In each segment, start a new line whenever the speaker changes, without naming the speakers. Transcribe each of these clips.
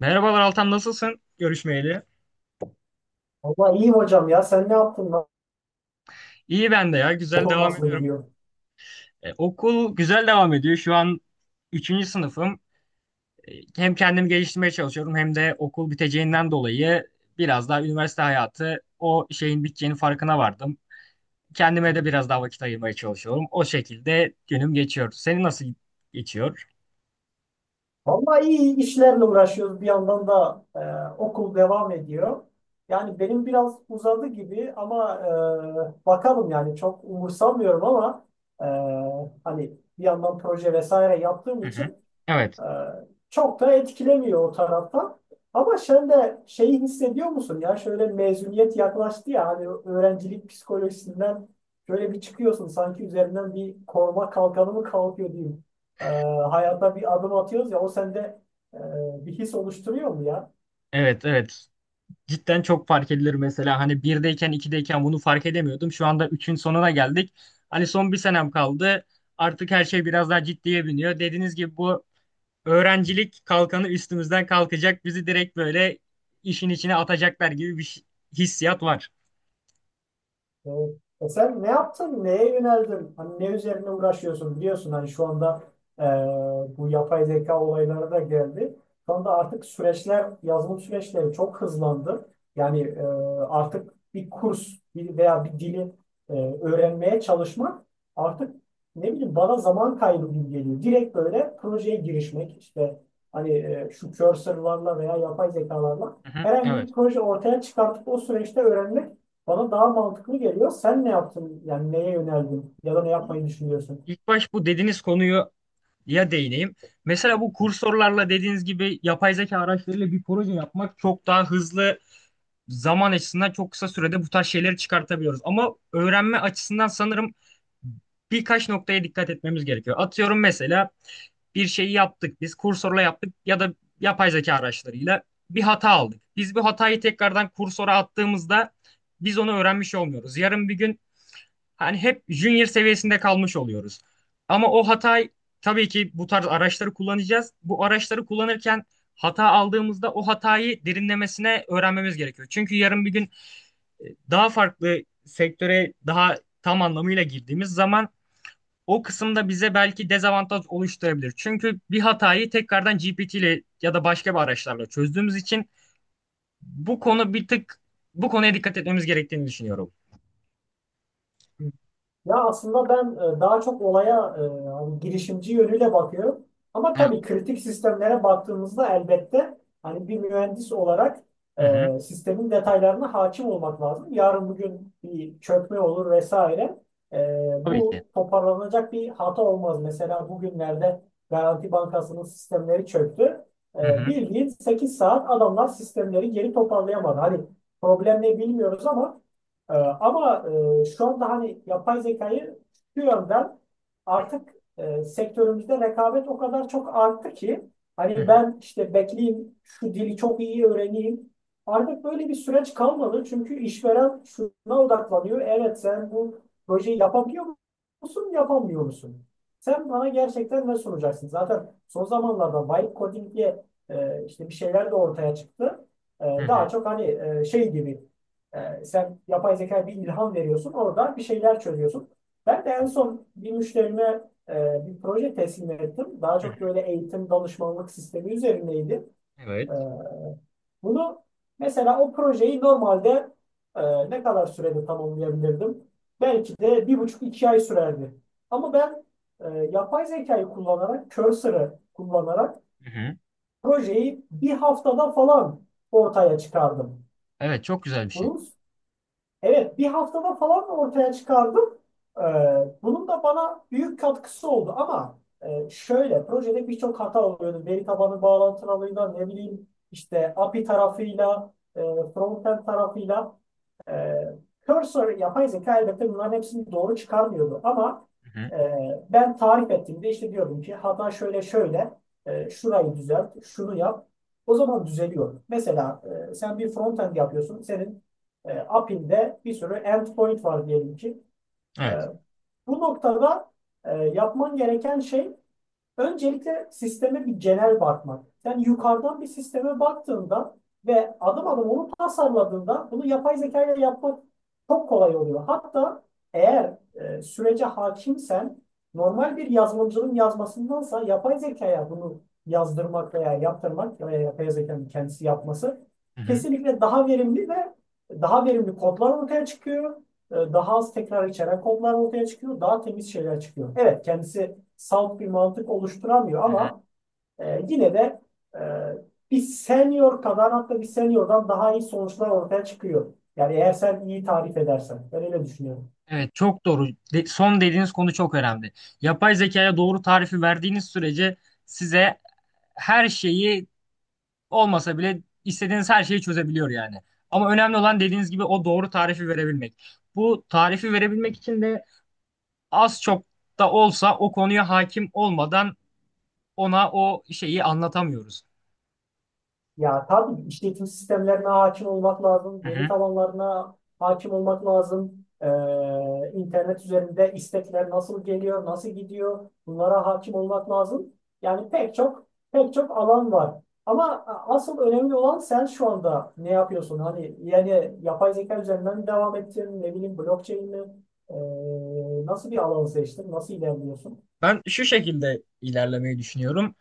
Merhabalar Altan, nasılsın? Görüşmeyeli.
Vallahi iyi hocam ya. Sen ne yaptın lan?
İyi, ben de ya, güzel
Okul
devam
nasıl
ediyorum.
gidiyor?
E, okul güzel devam ediyor. Şu an üçüncü sınıfım. E, hem kendimi geliştirmeye çalışıyorum hem de okul biteceğinden dolayı biraz daha üniversite hayatı o şeyin biteceğinin farkına vardım. Kendime de biraz daha vakit ayırmaya çalışıyorum. O şekilde günüm geçiyor. Senin nasıl geçiyor?
Vallahi iyi işlerle uğraşıyoruz. Bir yandan da okul devam ediyor. Yani benim biraz uzadı gibi ama bakalım yani çok umursamıyorum ama e, hani bir yandan proje vesaire yaptığım
Hı hı.
için
Evet,
Ee, çok da etkilemiyor o taraftan. Ama sen de şeyi hissediyor musun ya şöyle mezuniyet yaklaştı ya hani öğrencilik psikolojisinden şöyle bir çıkıyorsun sanki üzerinden bir koruma kalkanı mı kalkıyor diyeyim. Ee, hayata bir adım atıyoruz ya o sende bir his oluşturuyor mu ya?
evet, evet. Cidden çok fark edilir mesela. Hani birdeyken, ikideyken bunu fark edemiyordum. Şu anda üçün sonuna geldik. Hani son bir senem kaldı. Artık her şey biraz daha ciddiye biniyor. Dediğiniz gibi bu öğrencilik kalkanı üstümüzden kalkacak. Bizi direkt böyle işin içine atacaklar gibi bir hissiyat var.
Evet. E sen ne yaptın? Neye yöneldin? Hani ne üzerine uğraşıyorsun? Biliyorsun hani şu anda e, bu yapay zeka olayları da geldi. Şu anda artık süreçler, yazılım süreçleri çok hızlandı. Yani artık bir kurs bir veya bir dili e, öğrenmeye çalışmak artık ne bileyim bana zaman kaybı gibi geliyor. Direkt böyle projeye girişmek işte hani şu cursor'larla veya yapay zekalarla
Hı hı,
herhangi
evet.
bir proje ortaya çıkartıp o süreçte öğrenmek bana daha mantıklı geliyor. Sen ne yaptın? Yani neye yöneldin? Ya da ne
Bu-
yapmayı düşünüyorsun?
İlk baş bu dediğiniz konuyu ya değineyim. Mesela bu kursörlerle dediğiniz gibi yapay zeka araçlarıyla bir proje yapmak çok daha hızlı, zaman açısından çok kısa sürede bu tarz şeyleri çıkartabiliyoruz. Ama öğrenme açısından sanırım birkaç noktaya dikkat etmemiz gerekiyor. Atıyorum mesela bir şeyi yaptık, biz kursorla yaptık ya da yapay zeka araçlarıyla bir hata aldık. Biz bu hatayı tekrardan kursora attığımızda biz onu öğrenmiş olmuyoruz. Yarın bir gün hani hep junior seviyesinde kalmış oluyoruz. Ama o hatayı, tabii ki bu tarz araçları kullanacağız. Bu araçları kullanırken hata aldığımızda o hatayı derinlemesine öğrenmemiz gerekiyor. Çünkü yarın bir gün daha farklı sektöre daha tam anlamıyla girdiğimiz zaman o kısımda bize belki dezavantaj oluşturabilir. Çünkü bir hatayı tekrardan GPT ile ya da başka bir araçlarla çözdüğümüz için bu konu bir tık bu konuya dikkat etmemiz gerektiğini düşünüyorum.
Ya aslında ben daha çok olaya hani girişimci yönüyle bakıyorum. Ama
Evet.
tabii kritik sistemlere baktığımızda elbette hani bir mühendis olarak
Hı hı.
sistemin detaylarına hakim olmak lazım. Yarın bugün bir çökme olur vesaire. E,
Tabii ki.
bu toparlanacak bir hata olmaz. Mesela bugünlerde Garanti Bankası'nın sistemleri çöktü.
Hı
E,
hı.
bildiğin 8 saat adamlar sistemleri geri toparlayamadı. Hani problem ne bilmiyoruz ama ee, ama şu anda hani yapay zekayı şu yönden artık sektörümüzde rekabet o kadar çok arttı ki
Hı hı.
hani ben işte bekleyeyim şu dili çok iyi öğreneyim. Artık böyle bir süreç kalmadı çünkü işveren şuna odaklanıyor. Evet sen bu projeyi yapabiliyor musun, yapamıyor musun? Sen bana gerçekten ne sunacaksın? Zaten son zamanlarda vibe coding diye işte bir şeyler de ortaya çıktı. E,
Hı
daha
hı.
çok hani şey gibi sen yapay zeka bir ilham veriyorsun, orada bir şeyler çözüyorsun. Ben de en son bir müşterime bir proje teslim ettim. Daha
Hı
çok
hı.
böyle eğitim danışmanlık sistemi üzerindeydi. Ee,
Evet.
bunu mesela o projeyi normalde ne kadar sürede tamamlayabilirdim? Belki de 1,5-2 ay sürerdi. Ama ben yapay zekayı kullanarak, cursor'ı kullanarak
Hı hı.
projeyi bir haftada falan ortaya çıkardım.
Evet, çok güzel bir şey.
Bunun Evet, bir haftada falan ortaya çıkardım. Ee, bunun da bana büyük katkısı oldu ama şöyle, projede birçok hata oluyordu. Veri tabanı bağlantılılığıyla, ne bileyim işte API tarafıyla, frontend tarafıyla. Ee, Cursor yapay zeka elbette bunların hepsini doğru çıkarmıyordu ama
Hı hı.
e, ben tarif ettiğimde işte diyordum ki hata şöyle şöyle şurayı düzelt, şunu yap. O zaman düzeliyor. Mesela sen bir frontend yapıyorsun. Senin API'nde bir sürü endpoint var diyelim ki. E,
Evet.
bu noktada yapman gereken şey öncelikle sisteme bir genel bakmak. Yani yukarıdan bir sisteme baktığında ve adım adım onu tasarladığında bunu yapay zeka ile yapmak çok kolay oluyor. Hatta eğer sürece hakimsen normal bir yazılımcının yazmasındansa yapay zekaya bunu yazdırmak veya yaptırmak veya yapay zekanın kendisi yapması
Hı hı.
kesinlikle daha verimli ve daha verimli kodlar ortaya çıkıyor. Daha az tekrar içeren kodlar ortaya çıkıyor. Daha temiz şeyler çıkıyor. Evet kendisi salt bir mantık oluşturamıyor
Hı hı.
ama yine de e, bir senior kadar hatta bir seniordan daha iyi sonuçlar ortaya çıkıyor. Yani eğer sen iyi tarif edersen. Ben öyle düşünüyorum.
Evet, çok doğru. Son dediğiniz konu çok önemli. Yapay zekaya doğru tarifi verdiğiniz sürece size her şeyi olmasa bile istediğiniz her şeyi çözebiliyor yani. Ama önemli olan dediğiniz gibi o doğru tarifi verebilmek. Bu tarifi verebilmek için de az çok da olsa o konuya hakim olmadan ona o şeyi anlatamıyoruz.
Ya tabii işletim sistemlerine hakim olmak lazım,
Hı
veri
hı.
tabanlarına hakim olmak lazım, internet üzerinde istekler nasıl geliyor, nasıl gidiyor, bunlara hakim olmak lazım. Yani pek çok pek çok alan var. Ama asıl önemli olan sen şu anda ne yapıyorsun? Hani yani yapay zeka üzerinden mi devam ettin, ne bileyim blockchain mi? Nasıl bir alanı seçtin, nasıl ilerliyorsun?
Ben şu şekilde ilerlemeyi düşünüyorum.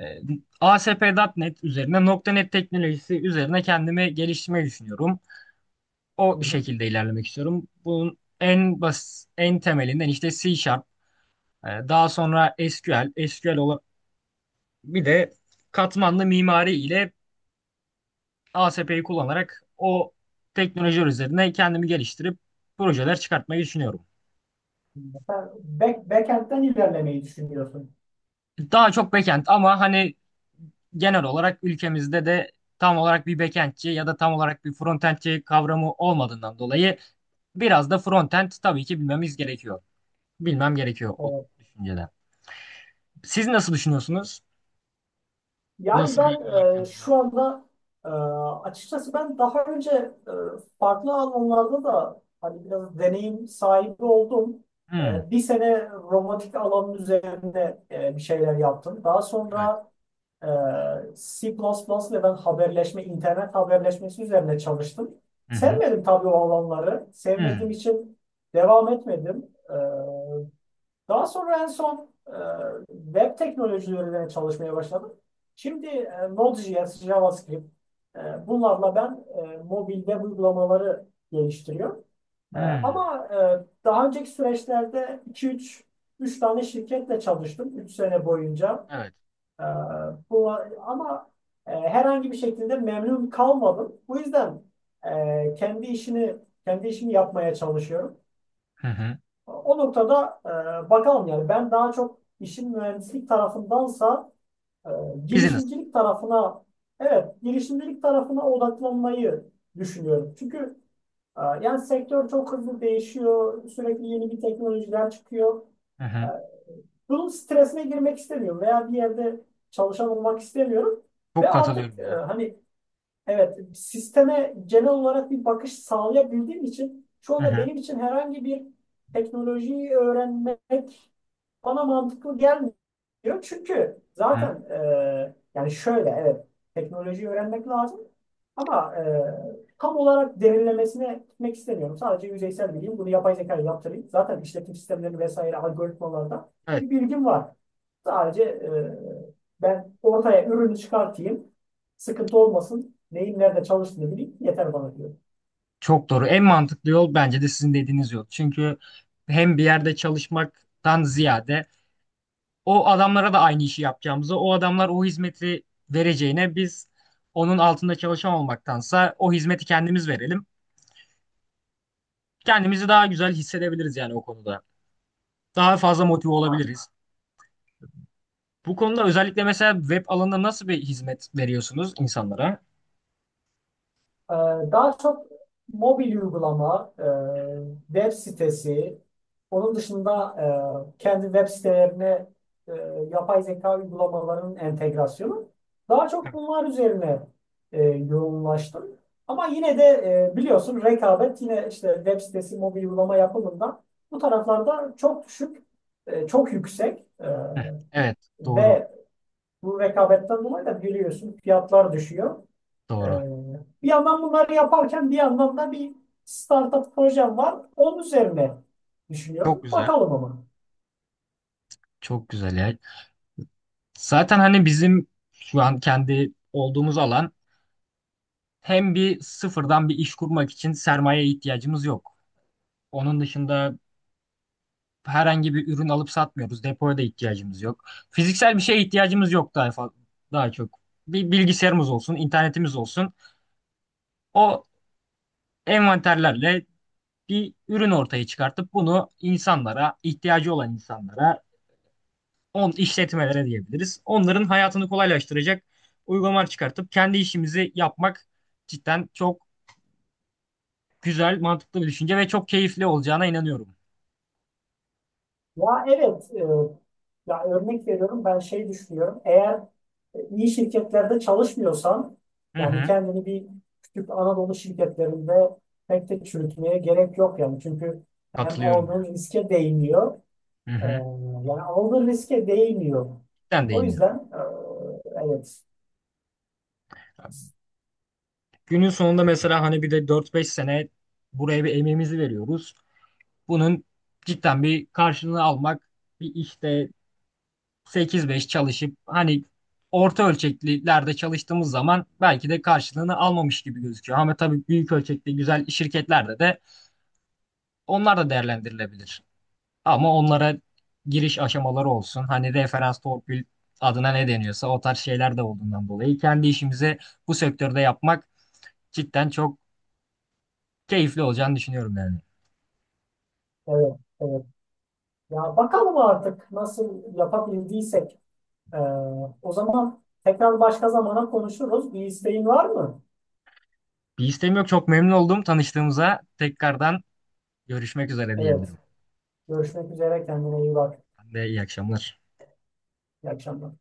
Ee, ASP.NET üzerine .NET teknolojisi üzerine kendimi geliştirmeyi düşünüyorum. O
Hı hı.
şekilde ilerlemek istiyorum. Bunun en basit, en temelinden işte C Sharp, daha sonra SQL olan bir de katmanlı mimari ile ASP'yi kullanarak o teknolojiler üzerine kendimi geliştirip projeler çıkartmayı düşünüyorum.
Sen backend'den ilerlemeyi düşünüyorsun.
Daha çok backend ama hani genel olarak ülkemizde de tam olarak bir backendçi ya da tam olarak bir frontendçi kavramı olmadığından dolayı biraz da frontend tabii ki bilmemiz gerekiyor. Bilmem gerekiyor o
Ee,
düşünceden. Siz nasıl düşünüyorsunuz?
Yani
Nasıl bir
ben
yol haritanız var?
şu anda e, açıkçası ben daha önce e, farklı alanlarda da hani biraz deneyim sahibi oldum.
Hmm,
Bir sene robotik alanın üzerinde bir şeyler yaptım. Daha
evet.
sonra e, C++ ile ben haberleşme, internet haberleşmesi üzerine çalıştım.
Hı hı.
Sevmedim tabii o alanları.
Hmm,
Sevmediğim için devam etmedim. Daha sonra en son web teknolojilerine çalışmaya başladım. Şimdi Node.js, JavaScript bunlarla ben mobil web uygulamaları geliştiriyorum. E,
hmm.
ama e, daha önceki süreçlerde iki üç üç tane şirketle çalıştım 3 sene boyunca.
Evet.
E, bu, ama herhangi bir şekilde memnun kalmadım. Bu yüzden e, kendi işini kendi işimi yapmaya çalışıyorum.
Hı hı.
O noktada bakalım yani ben daha çok işin mühendislik tarafındansa e,
Business.
girişimcilik tarafına evet girişimcilik tarafına odaklanmayı düşünüyorum. Çünkü yani sektör çok hızlı değişiyor. Sürekli yeni bir teknolojiler çıkıyor.
Hı
E,
hı.
bunun stresine girmek istemiyorum veya bir yerde çalışan olmak istemiyorum. Ve
Çok
artık
katılıyorum ya.
hani evet, sisteme genel olarak bir bakış sağlayabildiğim için şu
Hı
anda
hı.
benim için herhangi bir teknolojiyi öğrenmek bana mantıklı gelmiyor. Çünkü
Hı.
zaten yani şöyle evet teknolojiyi öğrenmek lazım ama tam olarak derinlemesine gitmek istemiyorum. Sadece yüzeysel bileyim bunu yapay zeka yaptırayım. Zaten işletim sistemleri vesaire algoritmalarda
Evet.
bir bilgim var. Sadece ben ortaya ürünü çıkartayım sıkıntı olmasın. Neyin nerede çalıştığını bileyim yeter bana diyor.
Çok doğru. En mantıklı yol bence de sizin dediğiniz yol. Çünkü hem bir yerde çalışmaktan ziyade o adamlara da aynı işi yapacağımızı, o adamlar o hizmeti vereceğine biz onun altında çalışan olmaktansa o hizmeti kendimiz verelim. Kendimizi daha güzel hissedebiliriz yani o konuda. Daha fazla motive olabiliriz. Bu konuda özellikle mesela web alanında nasıl bir hizmet veriyorsunuz insanlara?
Ee, daha çok mobil uygulama, web sitesi, onun dışında kendi web sitelerine e, yapay zeka uygulamalarının entegrasyonu. Daha çok bunlar üzerine yoğunlaştım. Ama yine de biliyorsun rekabet yine işte web sitesi, mobil uygulama yapımında bu taraflarda çok düşük, çok yüksek.
Hı. Evet, doğru,
Ve bu rekabetten dolayı da biliyorsun fiyatlar düşüyor. Ee,
doğru.
bir yandan bunları yaparken bir yandan da bir startup projem var. Onun üzerine
Çok
düşünüyorum.
güzel.
Bakalım ama.
Çok güzel ya. Zaten hani bizim şu an kendi olduğumuz alan, hem bir sıfırdan bir iş kurmak için sermayeye ihtiyacımız yok. Onun dışında herhangi bir ürün alıp satmıyoruz. Depoya da ihtiyacımız yok. Fiziksel bir şeye ihtiyacımız yok daha çok. Bir bilgisayarımız olsun, internetimiz olsun. O envanterlerle bir ürün ortaya çıkartıp bunu insanlara, ihtiyacı olan insanlara, on işletmelere diyebiliriz. Onların hayatını kolaylaştıracak uygulamalar çıkartıp kendi işimizi yapmak cidden çok güzel, mantıklı bir düşünce ve çok keyifli olacağına inanıyorum.
Ya evet, ya örnek veriyorum ben şey düşünüyorum. Eğer iyi şirketlerde çalışmıyorsan
Hı
yani
hı.
kendini bir küçük Anadolu şirketlerinde pek de çürütmeye gerek yok yani. Çünkü hem
Katılıyorum ya.
aldığın riske değmiyor.
Hı
Ee,
hı.
Yani aldığı riske değmiyor.
Cidden
O
değmiyor.
yüzden evet,
Günün sonunda mesela hani bir de 4-5 sene buraya bir emeğimizi veriyoruz. Bunun cidden bir karşılığını almak, bir işte 8-5 çalışıp hani orta ölçeklilerde çalıştığımız zaman belki de karşılığını almamış gibi gözüküyor. Ama tabii büyük ölçekli güzel şirketlerde de onlar da değerlendirilebilir. Ama onlara giriş aşamaları olsun. Hani referans, torpil adına ne deniyorsa o tarz şeyler de olduğundan dolayı kendi işimizi bu sektörde yapmak cidden çok keyifli olacağını düşünüyorum yani.
evet, evet. Ya bakalım artık nasıl yapabildiysek. Ee, o zaman tekrar başka zamana konuşuruz. Bir isteğin var mı?
Bir isteğim yok. Çok memnun oldum tanıştığımıza. Tekrardan görüşmek üzere
Evet.
diyebilirim.
Görüşmek üzere. Kendine iyi bak.
Ben de iyi akşamlar.
İyi akşamlar.